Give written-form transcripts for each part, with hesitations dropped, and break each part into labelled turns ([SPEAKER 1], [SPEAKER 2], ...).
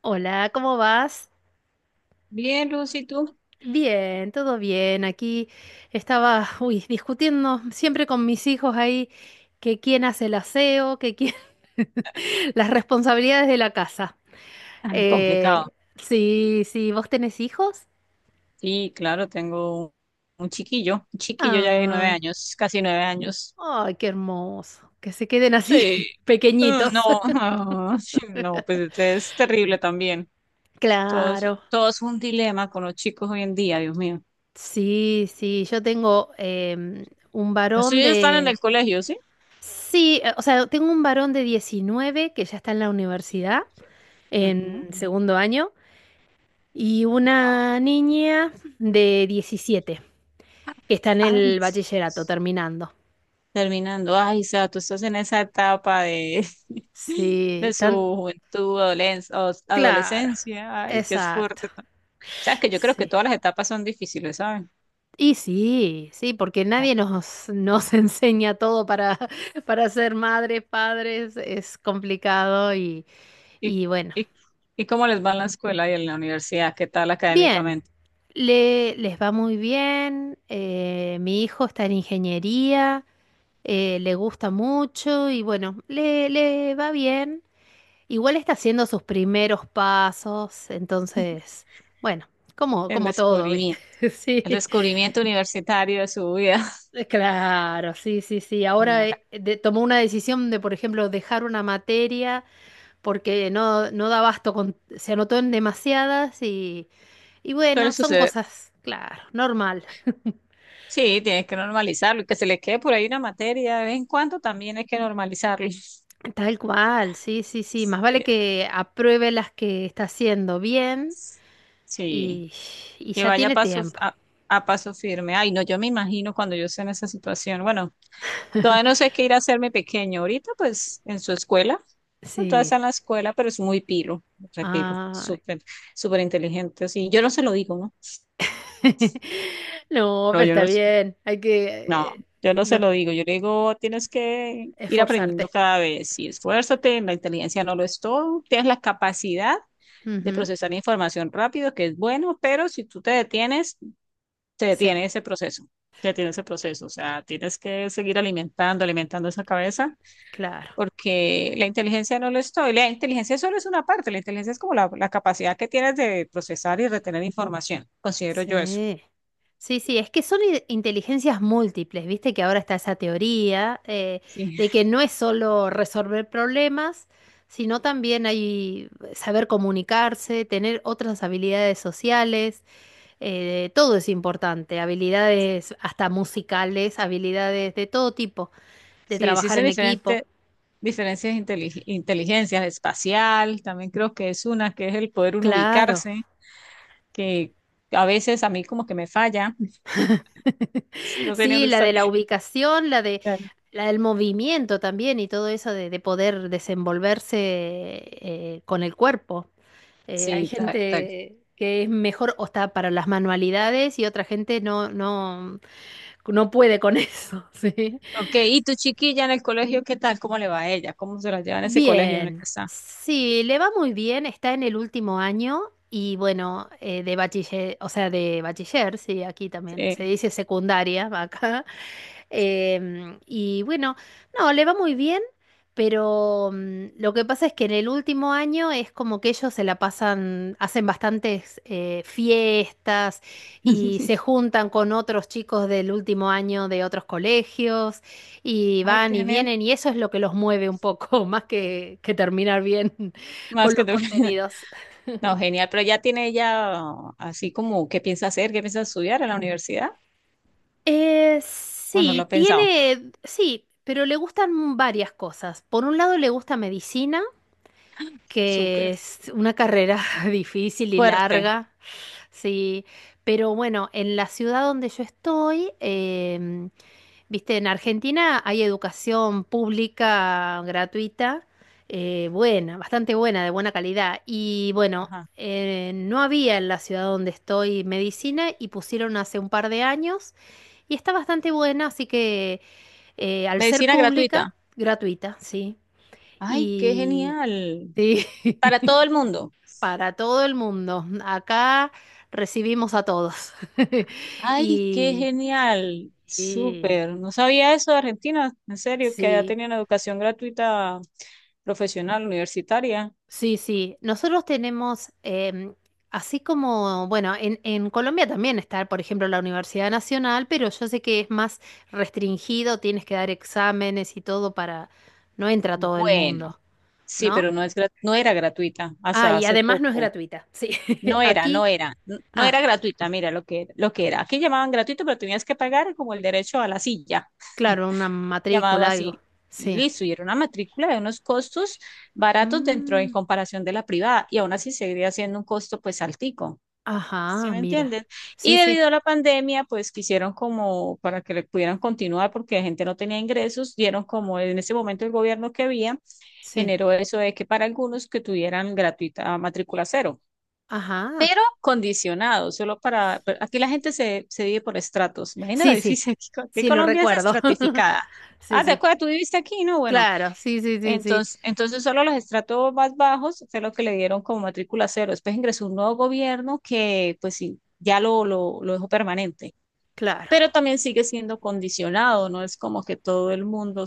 [SPEAKER 1] Hola, ¿cómo vas?
[SPEAKER 2] Bien, Lucy, ¿tú?
[SPEAKER 1] Bien, todo bien. Aquí estaba, uy, discutiendo siempre con mis hijos ahí que quién hace el aseo, que quién... las responsabilidades de la casa.
[SPEAKER 2] Ay, complicado.
[SPEAKER 1] Sí, sí, ¿vos tenés hijos?
[SPEAKER 2] Sí, claro, tengo un chiquillo ya de nueve
[SPEAKER 1] Ay,
[SPEAKER 2] años, casi 9 años.
[SPEAKER 1] ay, qué hermoso. Que se queden así
[SPEAKER 2] Sí, ah,
[SPEAKER 1] pequeñitos.
[SPEAKER 2] no, ah, sí, no, pues este es terrible también. Todo es,
[SPEAKER 1] Claro.
[SPEAKER 2] todo es un dilema con los chicos hoy en día, Dios mío.
[SPEAKER 1] Sí, sí, yo tengo em, un
[SPEAKER 2] Los
[SPEAKER 1] varón
[SPEAKER 2] suyos están en el
[SPEAKER 1] de.
[SPEAKER 2] colegio, ¿sí?
[SPEAKER 1] Sí, o sea, tengo un varón de 19 que ya está en la universidad,
[SPEAKER 2] Ujú.
[SPEAKER 1] en segundo año, y una niña de 17 que está en
[SPEAKER 2] Ay,
[SPEAKER 1] el bachillerato
[SPEAKER 2] Dios.
[SPEAKER 1] terminando.
[SPEAKER 2] Terminando, ay, o sea, tú estás en esa etapa de, de
[SPEAKER 1] Sí,
[SPEAKER 2] su
[SPEAKER 1] tan
[SPEAKER 2] juventud, adolescencia,
[SPEAKER 1] claro.
[SPEAKER 2] adolescencia, ay, qué es
[SPEAKER 1] Exacto.
[SPEAKER 2] fuerte. Sabes que yo creo que
[SPEAKER 1] Sí.
[SPEAKER 2] todas las etapas son difíciles, ¿saben?
[SPEAKER 1] Y sí, sí, porque
[SPEAKER 2] Ah,
[SPEAKER 1] nadie nos enseña todo para, para ser madres, padres, es complicado
[SPEAKER 2] ¿Y,
[SPEAKER 1] y bueno.
[SPEAKER 2] y, y cómo les va en la escuela y en la universidad? ¿Qué tal
[SPEAKER 1] Bien,
[SPEAKER 2] académicamente?
[SPEAKER 1] les va muy bien. Mi hijo está en ingeniería, le gusta mucho y bueno, le va bien. Igual está haciendo sus primeros pasos, entonces, bueno,
[SPEAKER 2] El
[SPEAKER 1] como todo, ¿viste?
[SPEAKER 2] descubrimiento,
[SPEAKER 1] Sí,
[SPEAKER 2] el descubrimiento universitario de su vida.
[SPEAKER 1] claro, sí, sí, sí. Ahora
[SPEAKER 2] No,
[SPEAKER 1] tomó una decisión de, por ejemplo, dejar una materia porque no da abasto con, se anotó en demasiadas y
[SPEAKER 2] suele
[SPEAKER 1] bueno, son
[SPEAKER 2] suceder.
[SPEAKER 1] cosas, claro, normal.
[SPEAKER 2] Sí, tienes que normalizarlo y que se le quede por ahí una materia de vez en cuando también hay que normalizarlo.
[SPEAKER 1] Tal cual, sí, sí, sí. Más vale
[SPEAKER 2] Sí,
[SPEAKER 1] que apruebe las que está haciendo bien
[SPEAKER 2] sí,
[SPEAKER 1] y, y
[SPEAKER 2] que
[SPEAKER 1] ya
[SPEAKER 2] vaya a
[SPEAKER 1] tiene
[SPEAKER 2] paso,
[SPEAKER 1] tiempo.
[SPEAKER 2] a paso firme. Ay, no, yo me imagino cuando yo esté en esa situación. Bueno, todavía no sé qué ir a hacerme pequeño. Ahorita, pues, en su escuela. Pues, todavía está
[SPEAKER 1] Sí.
[SPEAKER 2] en la escuela, pero es muy pilo, repilo,
[SPEAKER 1] Ah.
[SPEAKER 2] súper, súper inteligente. Así, yo no se lo digo, ¿no?
[SPEAKER 1] No,
[SPEAKER 2] No,
[SPEAKER 1] pero
[SPEAKER 2] yo
[SPEAKER 1] está
[SPEAKER 2] no,
[SPEAKER 1] bien. Hay
[SPEAKER 2] no,
[SPEAKER 1] que, eh,
[SPEAKER 2] yo no se
[SPEAKER 1] no,
[SPEAKER 2] lo digo. Yo le digo, tienes que ir aprendiendo
[SPEAKER 1] Esforzarte.
[SPEAKER 2] cada vez y esfuérzate. La inteligencia no lo es todo. Tienes la capacidad de
[SPEAKER 1] Ujú,
[SPEAKER 2] procesar información rápido, que es bueno, pero si tú te detienes, te
[SPEAKER 1] sí,
[SPEAKER 2] detiene ese proceso. Te detiene ese proceso. O sea, tienes que seguir alimentando, alimentando esa cabeza
[SPEAKER 1] claro.
[SPEAKER 2] porque la inteligencia no lo es todo. Y la inteligencia solo es una parte, la inteligencia es como la capacidad que tienes de procesar y retener información, considero yo eso.
[SPEAKER 1] Sí. Sí, sí, es que son inteligencias múltiples, viste que ahora está esa teoría
[SPEAKER 2] Sí,
[SPEAKER 1] de que no es solo resolver problemas, sino también hay saber comunicarse, tener otras habilidades sociales, todo es importante, habilidades hasta musicales, habilidades de todo tipo, de
[SPEAKER 2] sí, sí,
[SPEAKER 1] trabajar
[SPEAKER 2] son
[SPEAKER 1] en equipo.
[SPEAKER 2] diferentes diferencias de inteligencia espacial, también creo que es una, que es el poder uno
[SPEAKER 1] Claro.
[SPEAKER 2] ubicarse, que a veces a mí como que me falla, sí, no sé ni
[SPEAKER 1] Sí,
[SPEAKER 2] dónde
[SPEAKER 1] la
[SPEAKER 2] estoy.
[SPEAKER 1] de la ubicación, la de
[SPEAKER 2] Tal.
[SPEAKER 1] la del movimiento también y todo eso de poder desenvolverse con el cuerpo. Hay
[SPEAKER 2] Sí, tal, tal.
[SPEAKER 1] gente que es mejor o está para las manualidades y otra gente no puede con eso, ¿sí?
[SPEAKER 2] Ok, ¿y tu chiquilla en el colegio, qué tal? ¿Cómo le va a ella? ¿Cómo se la lleva en ese colegio en el
[SPEAKER 1] Bien,
[SPEAKER 2] que está?
[SPEAKER 1] sí, le va muy bien, está en el último año y bueno, de bachiller, o sea, de bachiller, sí, aquí también se
[SPEAKER 2] Sí.
[SPEAKER 1] dice secundaria acá. Y bueno, no, le va muy bien, pero lo que pasa es que en el último año es como que ellos se la pasan, hacen bastantes fiestas y se juntan con otros chicos del último año de otros colegios y
[SPEAKER 2] Ay,
[SPEAKER 1] van
[SPEAKER 2] qué
[SPEAKER 1] y
[SPEAKER 2] genial.
[SPEAKER 1] vienen y eso es lo que los mueve un poco, más que terminar bien con
[SPEAKER 2] Más que
[SPEAKER 1] los
[SPEAKER 2] tú.
[SPEAKER 1] contenidos.
[SPEAKER 2] No, genial, pero ya tiene ella así como qué piensa hacer, qué piensa estudiar en la universidad. Bueno, lo
[SPEAKER 1] Sí,
[SPEAKER 2] ha pensado.
[SPEAKER 1] tiene, sí, pero le gustan varias cosas. Por un lado le gusta medicina. Que
[SPEAKER 2] Súper
[SPEAKER 1] es una carrera difícil y
[SPEAKER 2] fuerte.
[SPEAKER 1] larga, sí, pero bueno, en la ciudad donde yo estoy, viste, en Argentina hay educación pública gratuita, buena, bastante buena, de buena calidad, y bueno,
[SPEAKER 2] Ajá.
[SPEAKER 1] no había en la ciudad donde estoy medicina y pusieron hace un par de años y está bastante buena, así que al ser
[SPEAKER 2] Medicina
[SPEAKER 1] pública,
[SPEAKER 2] gratuita.
[SPEAKER 1] gratuita, sí,
[SPEAKER 2] Ay, qué
[SPEAKER 1] y...
[SPEAKER 2] genial.
[SPEAKER 1] Sí.
[SPEAKER 2] Para todo el mundo.
[SPEAKER 1] Para todo el mundo. Acá recibimos a todos.
[SPEAKER 2] Ay, qué
[SPEAKER 1] Y,
[SPEAKER 2] genial.
[SPEAKER 1] y
[SPEAKER 2] Súper. No sabía eso de Argentina, en serio, que ya
[SPEAKER 1] sí,
[SPEAKER 2] tenían educación gratuita profesional, universitaria.
[SPEAKER 1] sí, sí. Nosotros tenemos, así como, bueno, en Colombia también está, por ejemplo, la Universidad Nacional, pero yo sé que es más restringido, tienes que dar exámenes y todo para... No entra todo el
[SPEAKER 2] Bueno,
[SPEAKER 1] mundo,
[SPEAKER 2] sí,
[SPEAKER 1] ¿no?
[SPEAKER 2] pero no es, no era gratuita
[SPEAKER 1] Ah,
[SPEAKER 2] hasta
[SPEAKER 1] y
[SPEAKER 2] hace
[SPEAKER 1] además no es
[SPEAKER 2] poco.
[SPEAKER 1] gratuita. Sí,
[SPEAKER 2] No era,
[SPEAKER 1] aquí.
[SPEAKER 2] no era, no
[SPEAKER 1] Ah,
[SPEAKER 2] era gratuita, mira lo que era. Aquí llamaban gratuito, pero tenías que pagar como el derecho a la silla,
[SPEAKER 1] claro, una
[SPEAKER 2] llamado
[SPEAKER 1] matrícula, algo.
[SPEAKER 2] así. Y
[SPEAKER 1] Sí.
[SPEAKER 2] listo, y era una matrícula de unos costos baratos dentro en
[SPEAKER 1] Mm.
[SPEAKER 2] comparación de la privada, y aún así seguiría siendo un costo pues altico, ¿sí
[SPEAKER 1] Ajá,
[SPEAKER 2] me
[SPEAKER 1] mira.
[SPEAKER 2] entienden?
[SPEAKER 1] Sí,
[SPEAKER 2] Y
[SPEAKER 1] sí,
[SPEAKER 2] debido a la pandemia, pues quisieron como para que le pudieran continuar porque la gente no tenía ingresos, dieron como en ese momento el gobierno que había,
[SPEAKER 1] sí.
[SPEAKER 2] generó eso de que para algunos que tuvieran gratuita matrícula cero
[SPEAKER 1] Ajá.
[SPEAKER 2] condicionado, solo para... Pero aquí la gente se vive por estratos. Imagina lo
[SPEAKER 1] Sí, sí.
[SPEAKER 2] difícil aquí. Aquí
[SPEAKER 1] Sí, lo
[SPEAKER 2] Colombia es
[SPEAKER 1] recuerdo.
[SPEAKER 2] estratificada.
[SPEAKER 1] Sí,
[SPEAKER 2] Ah, ¿te
[SPEAKER 1] sí.
[SPEAKER 2] acuerdas? Tú viviste aquí, ¿no? Bueno,
[SPEAKER 1] Claro, sí, sí, sí, sí.
[SPEAKER 2] entonces, entonces solo los estratos más bajos fue lo que le dieron como matrícula cero. Después ingresó un nuevo gobierno que, pues sí, ya lo dejó permanente
[SPEAKER 1] Claro,
[SPEAKER 2] pero también sigue siendo condicionado, no es como que todo el mundo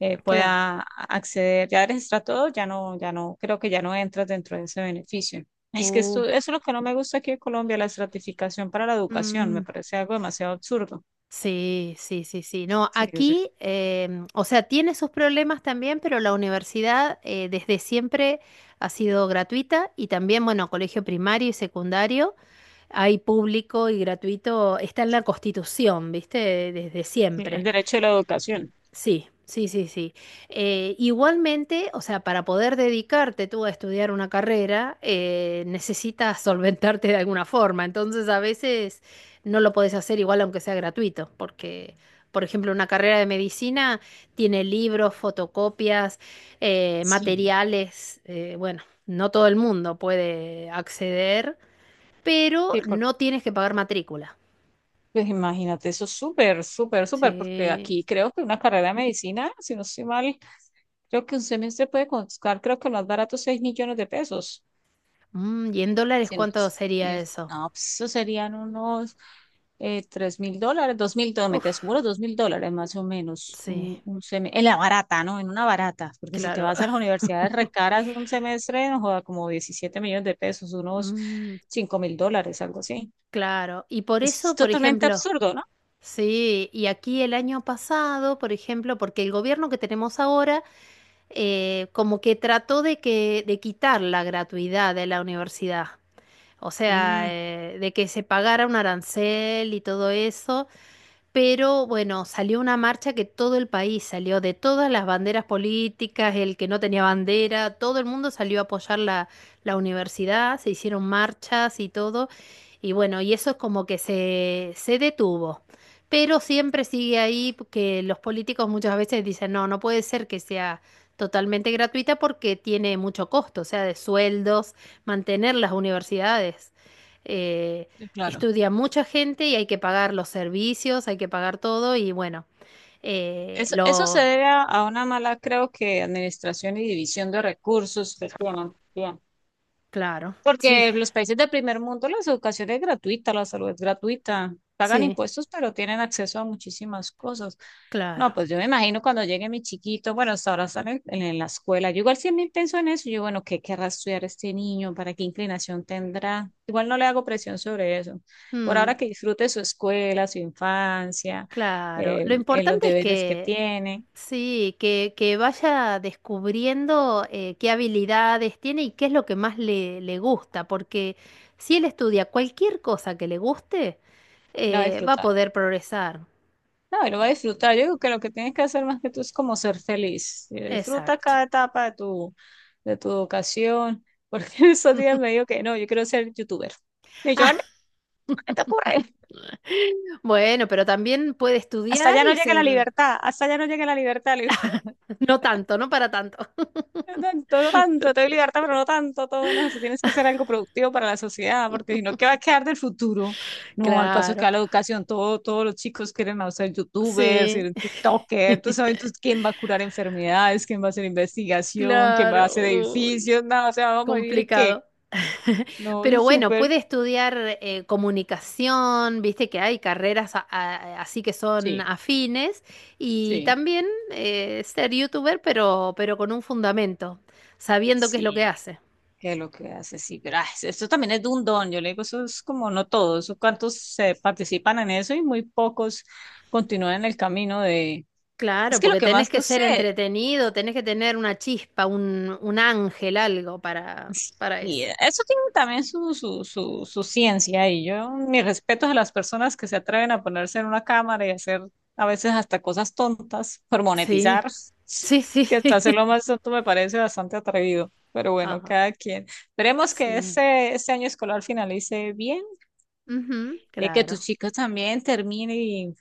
[SPEAKER 1] claro.
[SPEAKER 2] pueda acceder. Ya registra todo, ya no, creo que ya no entras dentro de ese beneficio. Ay, es que esto, eso
[SPEAKER 1] Uf,
[SPEAKER 2] es lo que no me gusta aquí en Colombia, la estratificación para la educación, me
[SPEAKER 1] mm,
[SPEAKER 2] parece algo demasiado absurdo.
[SPEAKER 1] sí, sí, sí, sí. No,
[SPEAKER 2] Sí, o sea,
[SPEAKER 1] aquí, o sea, tiene sus problemas también, pero la universidad desde siempre ha sido gratuita y también, bueno, colegio primario y secundario, hay público y gratuito, está en la Constitución, ¿viste? Desde
[SPEAKER 2] sí, el
[SPEAKER 1] siempre.
[SPEAKER 2] derecho de la educación.
[SPEAKER 1] Sí, sí, sí, sí. Igualmente, o sea, para poder dedicarte tú a estudiar una carrera, necesitas solventarte de alguna forma. Entonces, a veces no lo podés hacer igual aunque sea gratuito, porque, por ejemplo, una carrera de medicina tiene libros, fotocopias,
[SPEAKER 2] Sí.
[SPEAKER 1] materiales. Bueno, no todo el mundo puede acceder, pero
[SPEAKER 2] Sí,
[SPEAKER 1] no tienes que pagar matrícula.
[SPEAKER 2] pues imagínate, eso es súper, súper, súper, porque
[SPEAKER 1] Sí.
[SPEAKER 2] aquí creo que una carrera de medicina, si no estoy mal, creo que un semestre puede costar, creo que lo más barato, 6 millones de pesos.
[SPEAKER 1] Mm, ¿y en dólares
[SPEAKER 2] Si
[SPEAKER 1] cuánto sería eso?
[SPEAKER 2] no, pues eso serían unos $3.000, $2.000,
[SPEAKER 1] Uf.
[SPEAKER 2] te aseguro 2 mil dólares más o menos.
[SPEAKER 1] Sí,
[SPEAKER 2] Un en la barata, ¿no? En una barata, porque si te
[SPEAKER 1] claro.
[SPEAKER 2] vas a las universidades recaras un semestre, no joda, como 17 millones de pesos, unos
[SPEAKER 1] Mm,
[SPEAKER 2] $5.000, algo así.
[SPEAKER 1] claro. Y por
[SPEAKER 2] Es
[SPEAKER 1] eso, por
[SPEAKER 2] totalmente
[SPEAKER 1] ejemplo,
[SPEAKER 2] absurdo, ¿no?
[SPEAKER 1] sí, y aquí el año pasado, por ejemplo, porque el gobierno que tenemos ahora como que trató de de quitar la gratuidad de la universidad. O sea,
[SPEAKER 2] Mm,
[SPEAKER 1] de que se pagara un arancel y todo eso. Pero bueno, salió una marcha que todo el país salió, de todas las banderas políticas, el que no tenía bandera, todo el mundo salió a apoyar la, la universidad, se hicieron marchas y todo. Y bueno, y eso es como que se detuvo. Pero siempre sigue ahí que los políticos muchas veces dicen, no, no puede ser que sea totalmente gratuita porque tiene mucho costo, o sea, de sueldos, mantener las universidades. Eh,
[SPEAKER 2] sí, claro.
[SPEAKER 1] Estudia mucha gente y hay que pagar los servicios, hay que pagar todo y bueno,
[SPEAKER 2] Eso se
[SPEAKER 1] lo...
[SPEAKER 2] debe a una mala, creo que, administración y división de recursos que tienen.
[SPEAKER 1] Claro, sí,
[SPEAKER 2] Porque los países del primer mundo la educación es gratuita, la salud es gratuita, pagan
[SPEAKER 1] sí,
[SPEAKER 2] impuestos, pero tienen acceso a muchísimas cosas. No,
[SPEAKER 1] claro.
[SPEAKER 2] pues yo me imagino cuando llegue mi chiquito, bueno, hasta ahora están en, en la escuela. Yo igual siempre pienso en eso, yo, bueno, ¿qué querrá estudiar este niño? ¿Para qué inclinación tendrá? Igual no le hago presión sobre eso. Por ahora
[SPEAKER 1] Mm,
[SPEAKER 2] que disfrute su escuela, su infancia,
[SPEAKER 1] claro. Lo
[SPEAKER 2] los
[SPEAKER 1] importante es
[SPEAKER 2] deberes que
[SPEAKER 1] que,
[SPEAKER 2] tiene,
[SPEAKER 1] sí, que vaya descubriendo qué habilidades tiene y qué es lo que más le gusta, porque si él estudia cualquier cosa que le guste,
[SPEAKER 2] no
[SPEAKER 1] va a
[SPEAKER 2] disfruta.
[SPEAKER 1] poder progresar.
[SPEAKER 2] No, y lo va a disfrutar. Yo creo que lo que tienes que hacer más que tú es como ser feliz. Disfruta
[SPEAKER 1] Exacto.
[SPEAKER 2] cada etapa de tu educación, porque esos días me dijo que no, yo quiero ser youtuber. Y yo,
[SPEAKER 1] Ah,
[SPEAKER 2] "Ah, no, ¿qué te ocurre?
[SPEAKER 1] Bueno, pero también puede
[SPEAKER 2] Hasta
[SPEAKER 1] estudiar
[SPEAKER 2] allá no
[SPEAKER 1] y
[SPEAKER 2] llega la
[SPEAKER 1] ser...
[SPEAKER 2] libertad, hasta allá no llega la libertad. Le digo,
[SPEAKER 1] No tanto, no para tanto.
[SPEAKER 2] no tanto, no tanto, te voy a obligarte, pero no tanto, todo menos eso. Tienes que hacer algo productivo para la sociedad, porque si no, ¿qué va a quedar del futuro? No, al paso que
[SPEAKER 1] Claro,
[SPEAKER 2] va la educación, todo, todos los chicos quieren o ser youtubers,
[SPEAKER 1] sí.
[SPEAKER 2] ser tiktokers, tú sabes, entonces, ¿quién va a curar enfermedades? ¿Quién va a hacer investigación? ¿Quién va a hacer
[SPEAKER 1] Claro, uy,
[SPEAKER 2] edificios? No, o sea, vamos a vivir, ¿qué?
[SPEAKER 1] complicado.
[SPEAKER 2] No,
[SPEAKER 1] Pero bueno,
[SPEAKER 2] súper,
[SPEAKER 1] puede estudiar comunicación, viste que hay carreras así que son
[SPEAKER 2] sí,
[SPEAKER 1] afines, y
[SPEAKER 2] sí,
[SPEAKER 1] también ser youtuber, pero con un fundamento, sabiendo qué es lo que
[SPEAKER 2] sí.
[SPEAKER 1] hace.
[SPEAKER 2] Que lo que hace, sí, pero ah, esto también es de un don, yo le digo, eso es como no todos, eso cuántos se participan en eso y muy pocos continúan en el camino de,
[SPEAKER 1] Claro,
[SPEAKER 2] es que lo
[SPEAKER 1] porque
[SPEAKER 2] que
[SPEAKER 1] tenés
[SPEAKER 2] más,
[SPEAKER 1] que
[SPEAKER 2] no sé,
[SPEAKER 1] ser entretenido, tenés que tener una chispa, un ángel, algo para
[SPEAKER 2] y
[SPEAKER 1] eso.
[SPEAKER 2] eso tiene también su, ciencia y yo, mis respetos a las personas que se atreven a ponerse en una cámara y hacer a veces hasta cosas tontas por
[SPEAKER 1] Sí,
[SPEAKER 2] monetizar,
[SPEAKER 1] sí, sí,
[SPEAKER 2] que hasta hacer lo más tonto me parece bastante atrevido, pero bueno,
[SPEAKER 1] ajá,
[SPEAKER 2] cada quien. Esperemos que
[SPEAKER 1] sí.
[SPEAKER 2] este año escolar finalice bien
[SPEAKER 1] Ujú,
[SPEAKER 2] que tus
[SPEAKER 1] claro.
[SPEAKER 2] chicos también terminen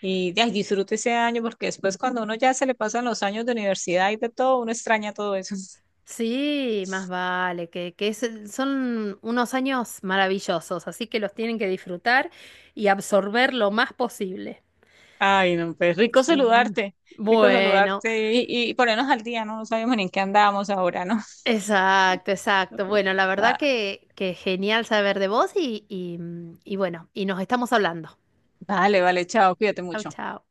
[SPEAKER 2] y de ahí disfrute ese año, porque después cuando uno ya se le pasan los años de universidad y de todo, uno extraña todo eso.
[SPEAKER 1] Sí, más vale, que son unos años maravillosos, así que los tienen que disfrutar y absorber lo más posible.
[SPEAKER 2] Ay, no, pues
[SPEAKER 1] Sí.
[SPEAKER 2] rico
[SPEAKER 1] Bueno,
[SPEAKER 2] saludarte y ponernos al día, ¿no? No sabemos ni en qué andamos ahora, ¿no?
[SPEAKER 1] exacto, exacto. Bueno, la verdad
[SPEAKER 2] Va-
[SPEAKER 1] que genial saber de vos y bueno, y nos estamos hablando.
[SPEAKER 2] Vale, vale, chao, cuídate
[SPEAKER 1] Chao,
[SPEAKER 2] mucho.
[SPEAKER 1] chao.